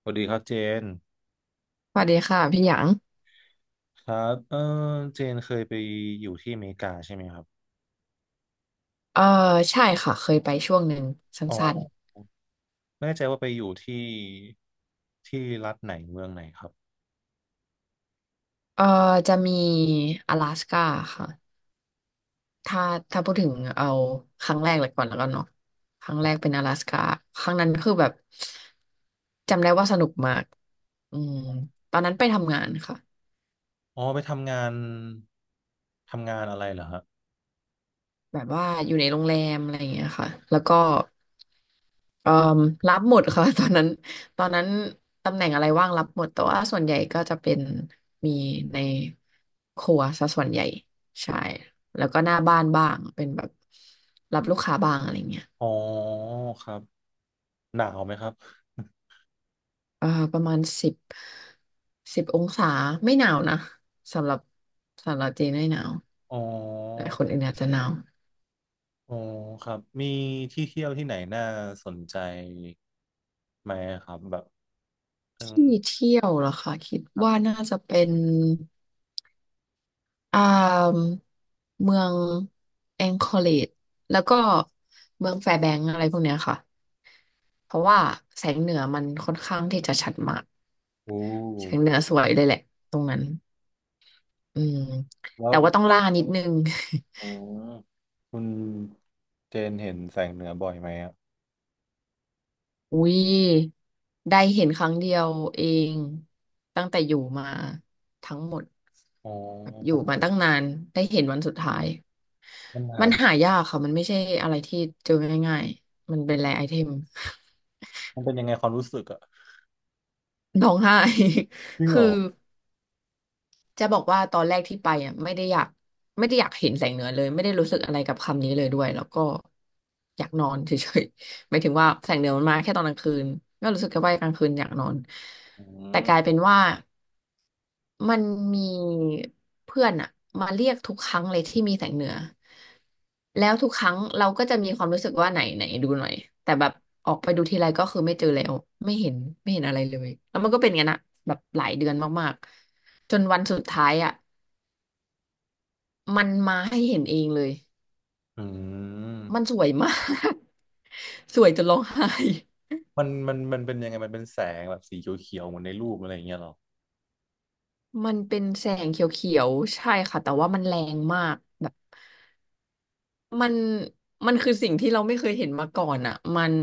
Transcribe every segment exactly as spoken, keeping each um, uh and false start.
สวัสดีครับเจนสวัสดีค่ะพี่หยางครับเออเจนเคยไปอยู่ที่อเมริกาใช่ไหมครับเออใช่ค่ะเคยไปช่วงหนึ่งสอ๋อั้นไม่แน่ใจว่าไปอยู่ที่ที่รัฐไหนเมืองไหนครับๆเออจะมี阿拉斯ก้าค่ะถ้าถ้าพูดถึงเอาครั้งแรกเลยก่อนแล้วกันเนาะครั้งอ๋แรกอเป็น阿拉斯ก้าครั้งนั้นคือแบบจำได้ว่าสนุกมากอืมตอนนั้นไปทำงานค่ะ อ๋อไปทำงานทำงานอะไรเหรอฮะแบบว่าอยู่ในโรงแรมอะไรอย่างเงี้ยค่ะแล้วก็เอ่อรับหมดค่ะ ตอนนั้นตอนนั้นตำแหน่งอะไรว่างรับหมดแต่ว่าส่วนใหญ่ก็จะเป็นมีในครัวซะส่วนใหญ่ใช่แล้วก็หน้าบ้านบ้างเป็นแบบรับลูกค้าบ้างอะไรเงี้ยอ๋อครับหนาวไหมครับเอ่อประมาณสิบสิบองศาไม่หนาวนะสำหรับสำหรับจีนไม่หนาวอ๋อแต่คนอื่นอาจจะหนาวอ๋อครับมีที่เที่ยวที่ไหนน่าสนใจไหมครับแบบเออที่เที่ยวเหรอคะคิดครัว่าบน่าจะเป็น อ่าเมืองแองคอเลจแล้วก็เมืองแฟร์แบงก์อะไรพวกเนี้ยค่ะเพราะว่าแสงเหนือมันค่อนข้างที่จะชัดมากโอ้แสงเหนือสวยเลยแหละตรงนั้นอืมแล้แต่วว่าต้องล่านิดนึง อืมคุณเจนเห็นแสงเหนือบ่อยไหมอะ อุ้ยได้เห็นครั้งเดียวเองตั้งแต่อยู่มาทั้งหมดอ๋แบบอยู่อมาตั้งนานได้เห็นวันสุดท้ายมันหามันหาดูยากค่ะมันไม่ใช่อะไรที่เจอง่ายๆมันเป็นแรร์ไอเทม มันเป็นยังไงความรู้สึกอะร้องไห้ จริ งเหคืรออจะบอกว่าตอนแรกที่ไปอ่ะไม่ได้อยากไม่ได้อยากเห็นแสงเหนือเลยไม่ได้รู้สึกอะไรกับคำนี้เลยด้วยแล้วก็อยากนอนเฉยๆ หมายถึงว่าแสงเหนือมันมาแค่ตอนกลางคืนก็รู้สึกแค่ว่ากลางคืนอยากนอนอืแต่กมลายเป็นว่า มันมีเพื่อนอะมาเรียกทุกครั้งเลยที่มีแสงเหนือแล้วทุกครั้งเราก็จะมีความรู้สึกว่าไหนไหนดูหน่อยแต่แบบออกไปดูทีไรก็คือไม่เจอแล้วไม่เห็นไม่เห็นอะไรเลยแล้วมันก็เป็นอย่างนั้นอะแบบหลายเดือนมากๆจนวันสุดท้ายอะมันมาให้เห็นเองเลยอืมันมสวยมาก สวยจนร้องไห้ มันมันมันเป็นยังไงมันเป็นแสงแบบสีเขียวๆเหมือนในรูปอะไรอย่างเงี้ยเหรอมันเป็นแสงเขียวๆใช่ค่ะแต่ว่ามันแรงมากแบบ มันมันคือสิ่งที่เราไม่เคยเห็นมาก่อนอ่ะมัน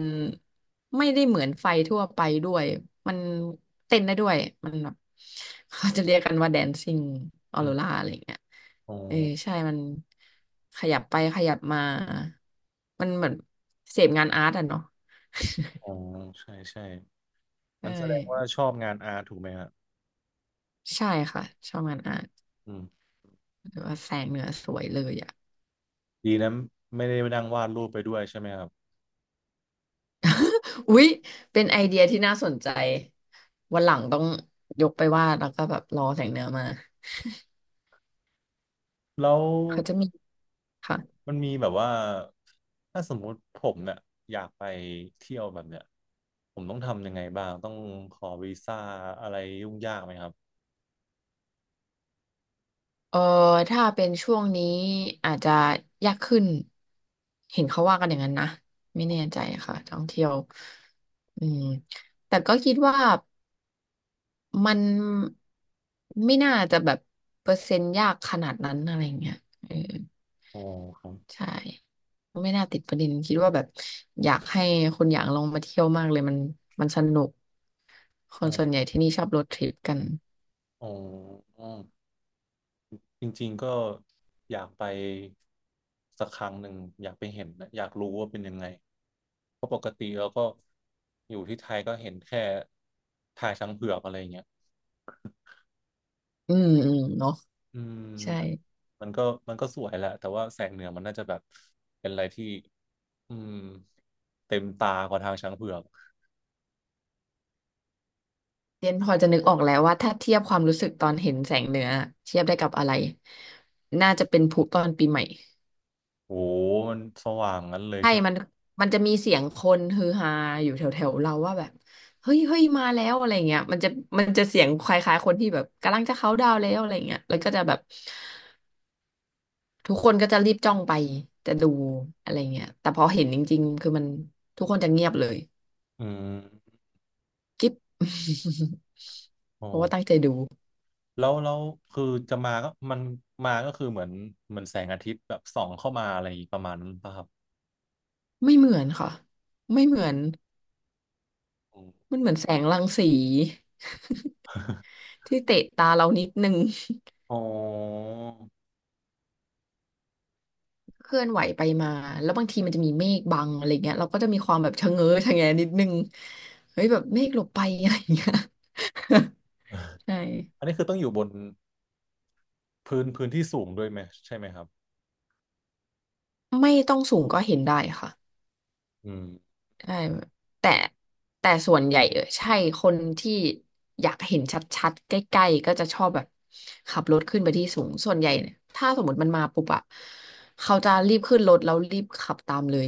ไม่ได้เหมือนไฟทั่วไปด้วยมันเต้นได้ด้วยมันแบบเขาจะเรียกกันว่าแดนซิ่งอออืโรมราอะไรอย่างเงี้ยอ๋อเออใช่มันขยับไปขยับมามันเหมือนเสพงานอาร์ตอะเนาะอ๋อใช่ใช่เอมัอนแสดงว่าชอบงานอาร์ตถูกไหมครับใช่ค่ะชอบงานอาร์ตอืมหรือว่าแสงเหนือสวยเลยอ่ะดีนะไม่ได้นั่งวาดรูปไปด้วยใช่ไหมครับอุ๊ยเป็นไอเดียที่น่าสนใจวันหลังต้องยกไปวาดแล้วก็แบบรอแสงเหนือมา แล้วเขาจะมีค่ะมันมีแบบว่าถ้าสมมุติผมเนี่ยอยากไปเที่ยวแบบเนี้ยผมต้องทำยังไงบ้างต้องขอวีซ่าอะไรยุ่งยากไหมครับเออถ้าเป็นช่วงนี้อาจจะยากขึ้นเห็นเขาว่ากันอย่างนั้นนะไม่แน่ใจค่ะท่องเที่ยวอืมแต่ก็คิดว่ามันไม่น่าจะแบบเปอร์เซ็นต์ยากขนาดนั้นอะไรเงี้ยเออโอ้ครใช่ไม่น่าติดประเด็นคิดว่าแบบอยากให้คนอยากลองมาเที่ยวมากเลยมันมันสนุกคนับ ส่วนใหญ่ที่นี่ชอบรถทริปกันอ๋อจริงๆก็อยากไปสักครั้งหนึ่งอยากไปเห็นนะอยากรู้ว่าเป็นยังไงเพราะปกติเราก็อยู่ที่ไทยก็เห็นแค่ทายช้างเผือกอะไรอย่างเงี้ยอืมอืมเนาะอืมใช่ มันก็มันก็สวยแหละแต่ว่าแสงเหนือมันน่าจะแบบเป็นอะไรที่อืมเต็มตากว่าทางช้างเผือกเรียนพอจะนึกออกแล้วว่าถ้าเทียบความรู้สึกตอนเห็นแสงเหนือเทียบได้กับอะไรน่าจะเป็นพลุตอนปีใหม่โอ้โหมันสว่างงั้นเลยใช่ใช่ไหมมันมันจะมีเสียงคนฮือฮาอยู่แถวๆเราว่าแบบเฮ้ยเฮ้ยมาแล้วอะไรเงี้ยมันจะมันจะเสียงคล้ายๆคนที่แบบกำลังจะเขาน์ดาวน์แล้วอะไรเงี้ยแล้วก็จะแบบทุกคนก็จะรีบจ้องไปจะดูอะไรเงี้ยแต่พอเห็นจริงๆคือมันทุกคนจะเงียบเลยอืมกิ๊บ โอ้ เพราะว่าตั้งใจดูแล้วแล้วคือจะมาก็มันมาก็คือเหมือนเหมือนแสงอาทิตย์แบบส่องเข้ามาอะไรประมาณนั้นป่ะครับไม่เหมือนค่ะไม่เหมือน อืม มันเหมือนแสงรังสี ที่เตะตาเรานิดนึง อ๋อเคลื่อนไหวไปมาแล้วบางทีมันจะมีเมฆบังอะไรเงี้ยเราก็จะมีความแบบชะเง้อชะแงนิดนึงเฮ้ยแบบเมฆหลบไปอะไรเงี้ย ใช่อันนี้คือต้องอยู่บนพื้นพื้นที่สูงด้วยไหมใช่ไหมครับไม่ต้องสูงก็เห็นได้ค่ะอืมใช่แต่แต่ส่วนใหญ่เออใช่คนที่อยากเห็นชัดๆใกล้ๆก็จะชอบแบบขับรถขึ้นไปที่สูงส่วนใหญ่เนี่ยถ้าสมมติมันมาปุ๊บอะเขาจะรีบขึ้นรถแล้วรีบขับตามเลย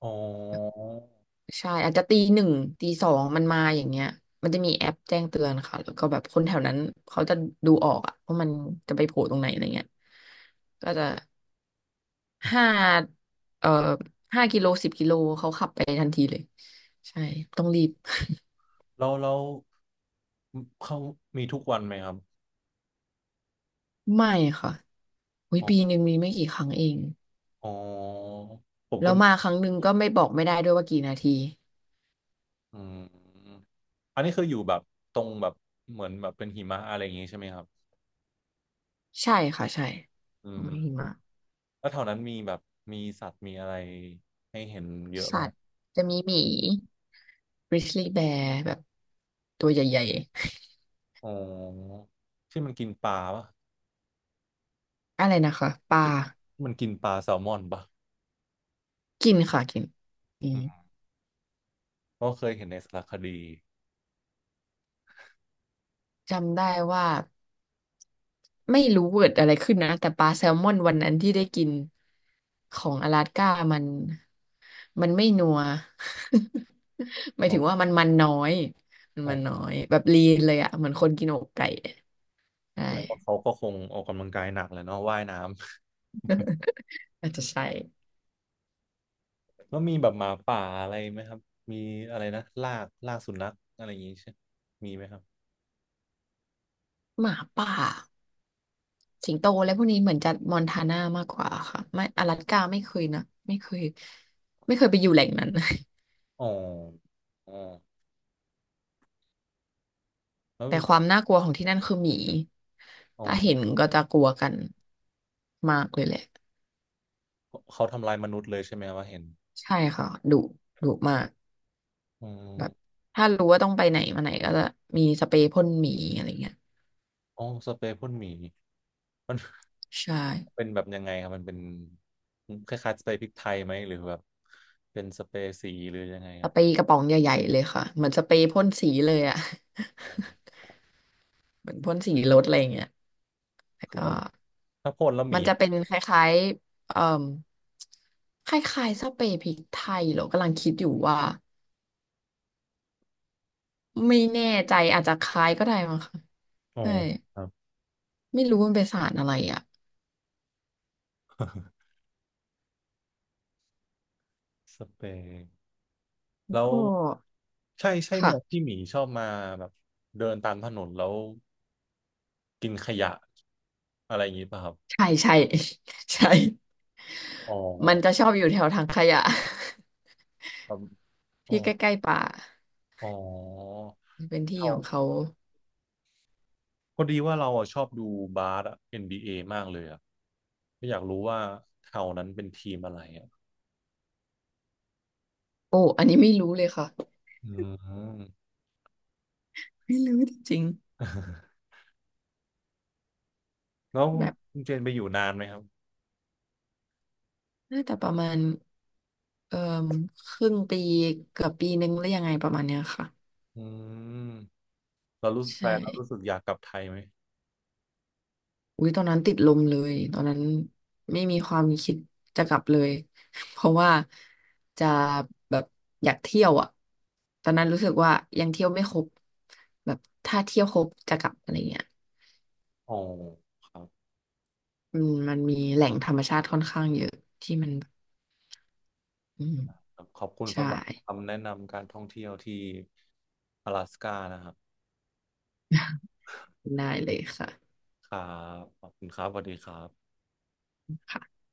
อ๋อใช่อาจจะตีหนึ่งตีสองมันมาอย่างเงี้ยมันจะมีแอปแจ้งเตือนค่ะแล้วก็แบบคนแถวนั้นเขาจะดูออกอะว่ามันจะไปโผล่ตรงไหนอะไรเงี้ยก็จะห้าเอ่อห้ากิโลสิบกิโลเขาขับไปทันทีเลยใช่ต้องรีบ แล้วแล้วเขามีทุกวันไหมครับไม่ค่ะอุ๊ยอ๋อปีหนึ่งมีไม่กี่ครั้งเองอ๋อผมแล้ก็วมาครั้งหนึ่งก็ไม่บอกไม่ได้ด้วยว่ากี่นาทีอืมอันนี้คืออยู่แบบตรงแบบเหมือนแบบเป็นหิมะอะไรอย่างงี้ใช่ไหมครับใช่ค่ะใช่อืมไม่หิมะแล้วแถวนั้นมีแบบมีสัตว์มีอะไรให้เห็นเยอะไหม สัตว์จะมีหมี grizzly bear แบบตัวใหญ่ๆ อ๋อที่มันกินปลาปะอะไรนะคะปลาที่มันกินปลาแซลมอนปะกินค่ะกินอืมอืมก็เคยเห็นในสารคดีจำได้ว่าไม่รู้เกิดอะไรขึ้นนะแต่ปลาแซลมอนวันนั้นที่ได้กินของอลาสก้ามันมันไม่นัว หมายอ๋อถึงว่ามันมันน้อยมันอ๋อมันน้อยแบบลีนเลยอะเหมือนคนกินอกไก่ใช่แสดงว่าเขาก็คงออกกำลังกายหนักแหละเนาะว่ายน้ำอาจจะใช่แล้วมีแบบหมาป่าอะไรไหมครับมีอะไรนะลากลากสุนัขอะไรอย่างงี้ใช่มีไหมครับหมาป่าสิงโตและพวกนี้เหมือนจะมอนทานามากกว่าค่ะไม่อลาสก้าไม่เคยนะไม่เคยไม่เคยไปอยู่แหล่งนั้น อ๋ออ๋อแล้วแต่ความน่ากลัวของที่นั่นคือหมีอ๋อถ้าเห็นก็จะกลัวกันมากเลยแหละเขาทำลายมนุษย์เลยใช่ไหมว่าเห็นใช่ค่ะดุดุมากอืแบมบถ้ารู้ว่าต้องไปไหนมาไหนก็จะมีสเปรย์พ่นหมีอะไรเงี้ยอ๋อสเปรย์พ่นหมีมัน ใช่เป็นแบบยังไงครับมันเป็นคล้ายๆสเปรย์พริกไทยไหมหรือแบบเป็นสเปรย์สีหรือยังไงคสรับเปรย์กระป๋องใหญ่ๆเลยค่ะเหมือนสเปรย์พ่นสีเลยอะ อ๋อ เหมือนพ่นสีรถอะไรเงี้ยแล้วคือก็มันถ้าพ่นแล้วหมัมีนจะเป็นคล้ายๆเอ่มคล้ายๆสเปรย์พริกไทยเหรอกำลังคิดอยู่ว่าไม่แน่ใจอาจจะคล้ายก็ได้มั้งค่ะอ๋อใช่ ครับไม่รู้มันเป็นสารอะไรอ่ะสเปรย์แล้วก็ใช่ใช่หมวดค่ะที่หมีชอบมาแบบเดินตามถนนแล้วกินขยะอะไรอย่างนี้ป่ะครับใช่ใช่ ใช่อ๋อมันจะชอบอยู่แถวถังขยะ ครับ อ๋อที่ใกล้ๆป่าอ๋อเป็นที่เราของเขาพอดีว่าเราอะชอบดูบาสอะ เอ็น บี เอ มากเลยอะก็อยากรู้ว่าเท่านั้นเป็นทีมอะไรอะโอ้อันนี้ไม่รู้เลยค่ะอืม ไม่รู้จริงแล้วๆคุแบณบคุณเจนไปอยู่นานไหมครับน่าจะประมาณเอ่อครึ่งปีเกือบปีนึงหรือยังไงประมาณเนี้ยค่ะอืมเรารู้ใชแฟนเรารู้สึ่ กอยากกลับไทยไหมอุ้ยตอนนั้นติดลมเลยตอนนั้นไม่มีความคิดจะกลับเลย เพราะว่าจะแบบอยากเที่ยวอ่ะตอนนั้นรู้สึกว่ายังเที่ยวไม่ครบแบบถ้าเที่ยวครบจะกลับอะไรเงี้ยโอ้ครับอืมมันมีแหล่งธรรมชาติค่อนข้างเยอะที่มันอืมครับขอบคุณใช่ สำหรับคำแนะนำการท่องเที่ยวที่阿拉斯ก้านะครับ ได้เลยค่ะครับขอบคุณครับสวัสดีครับค่ะ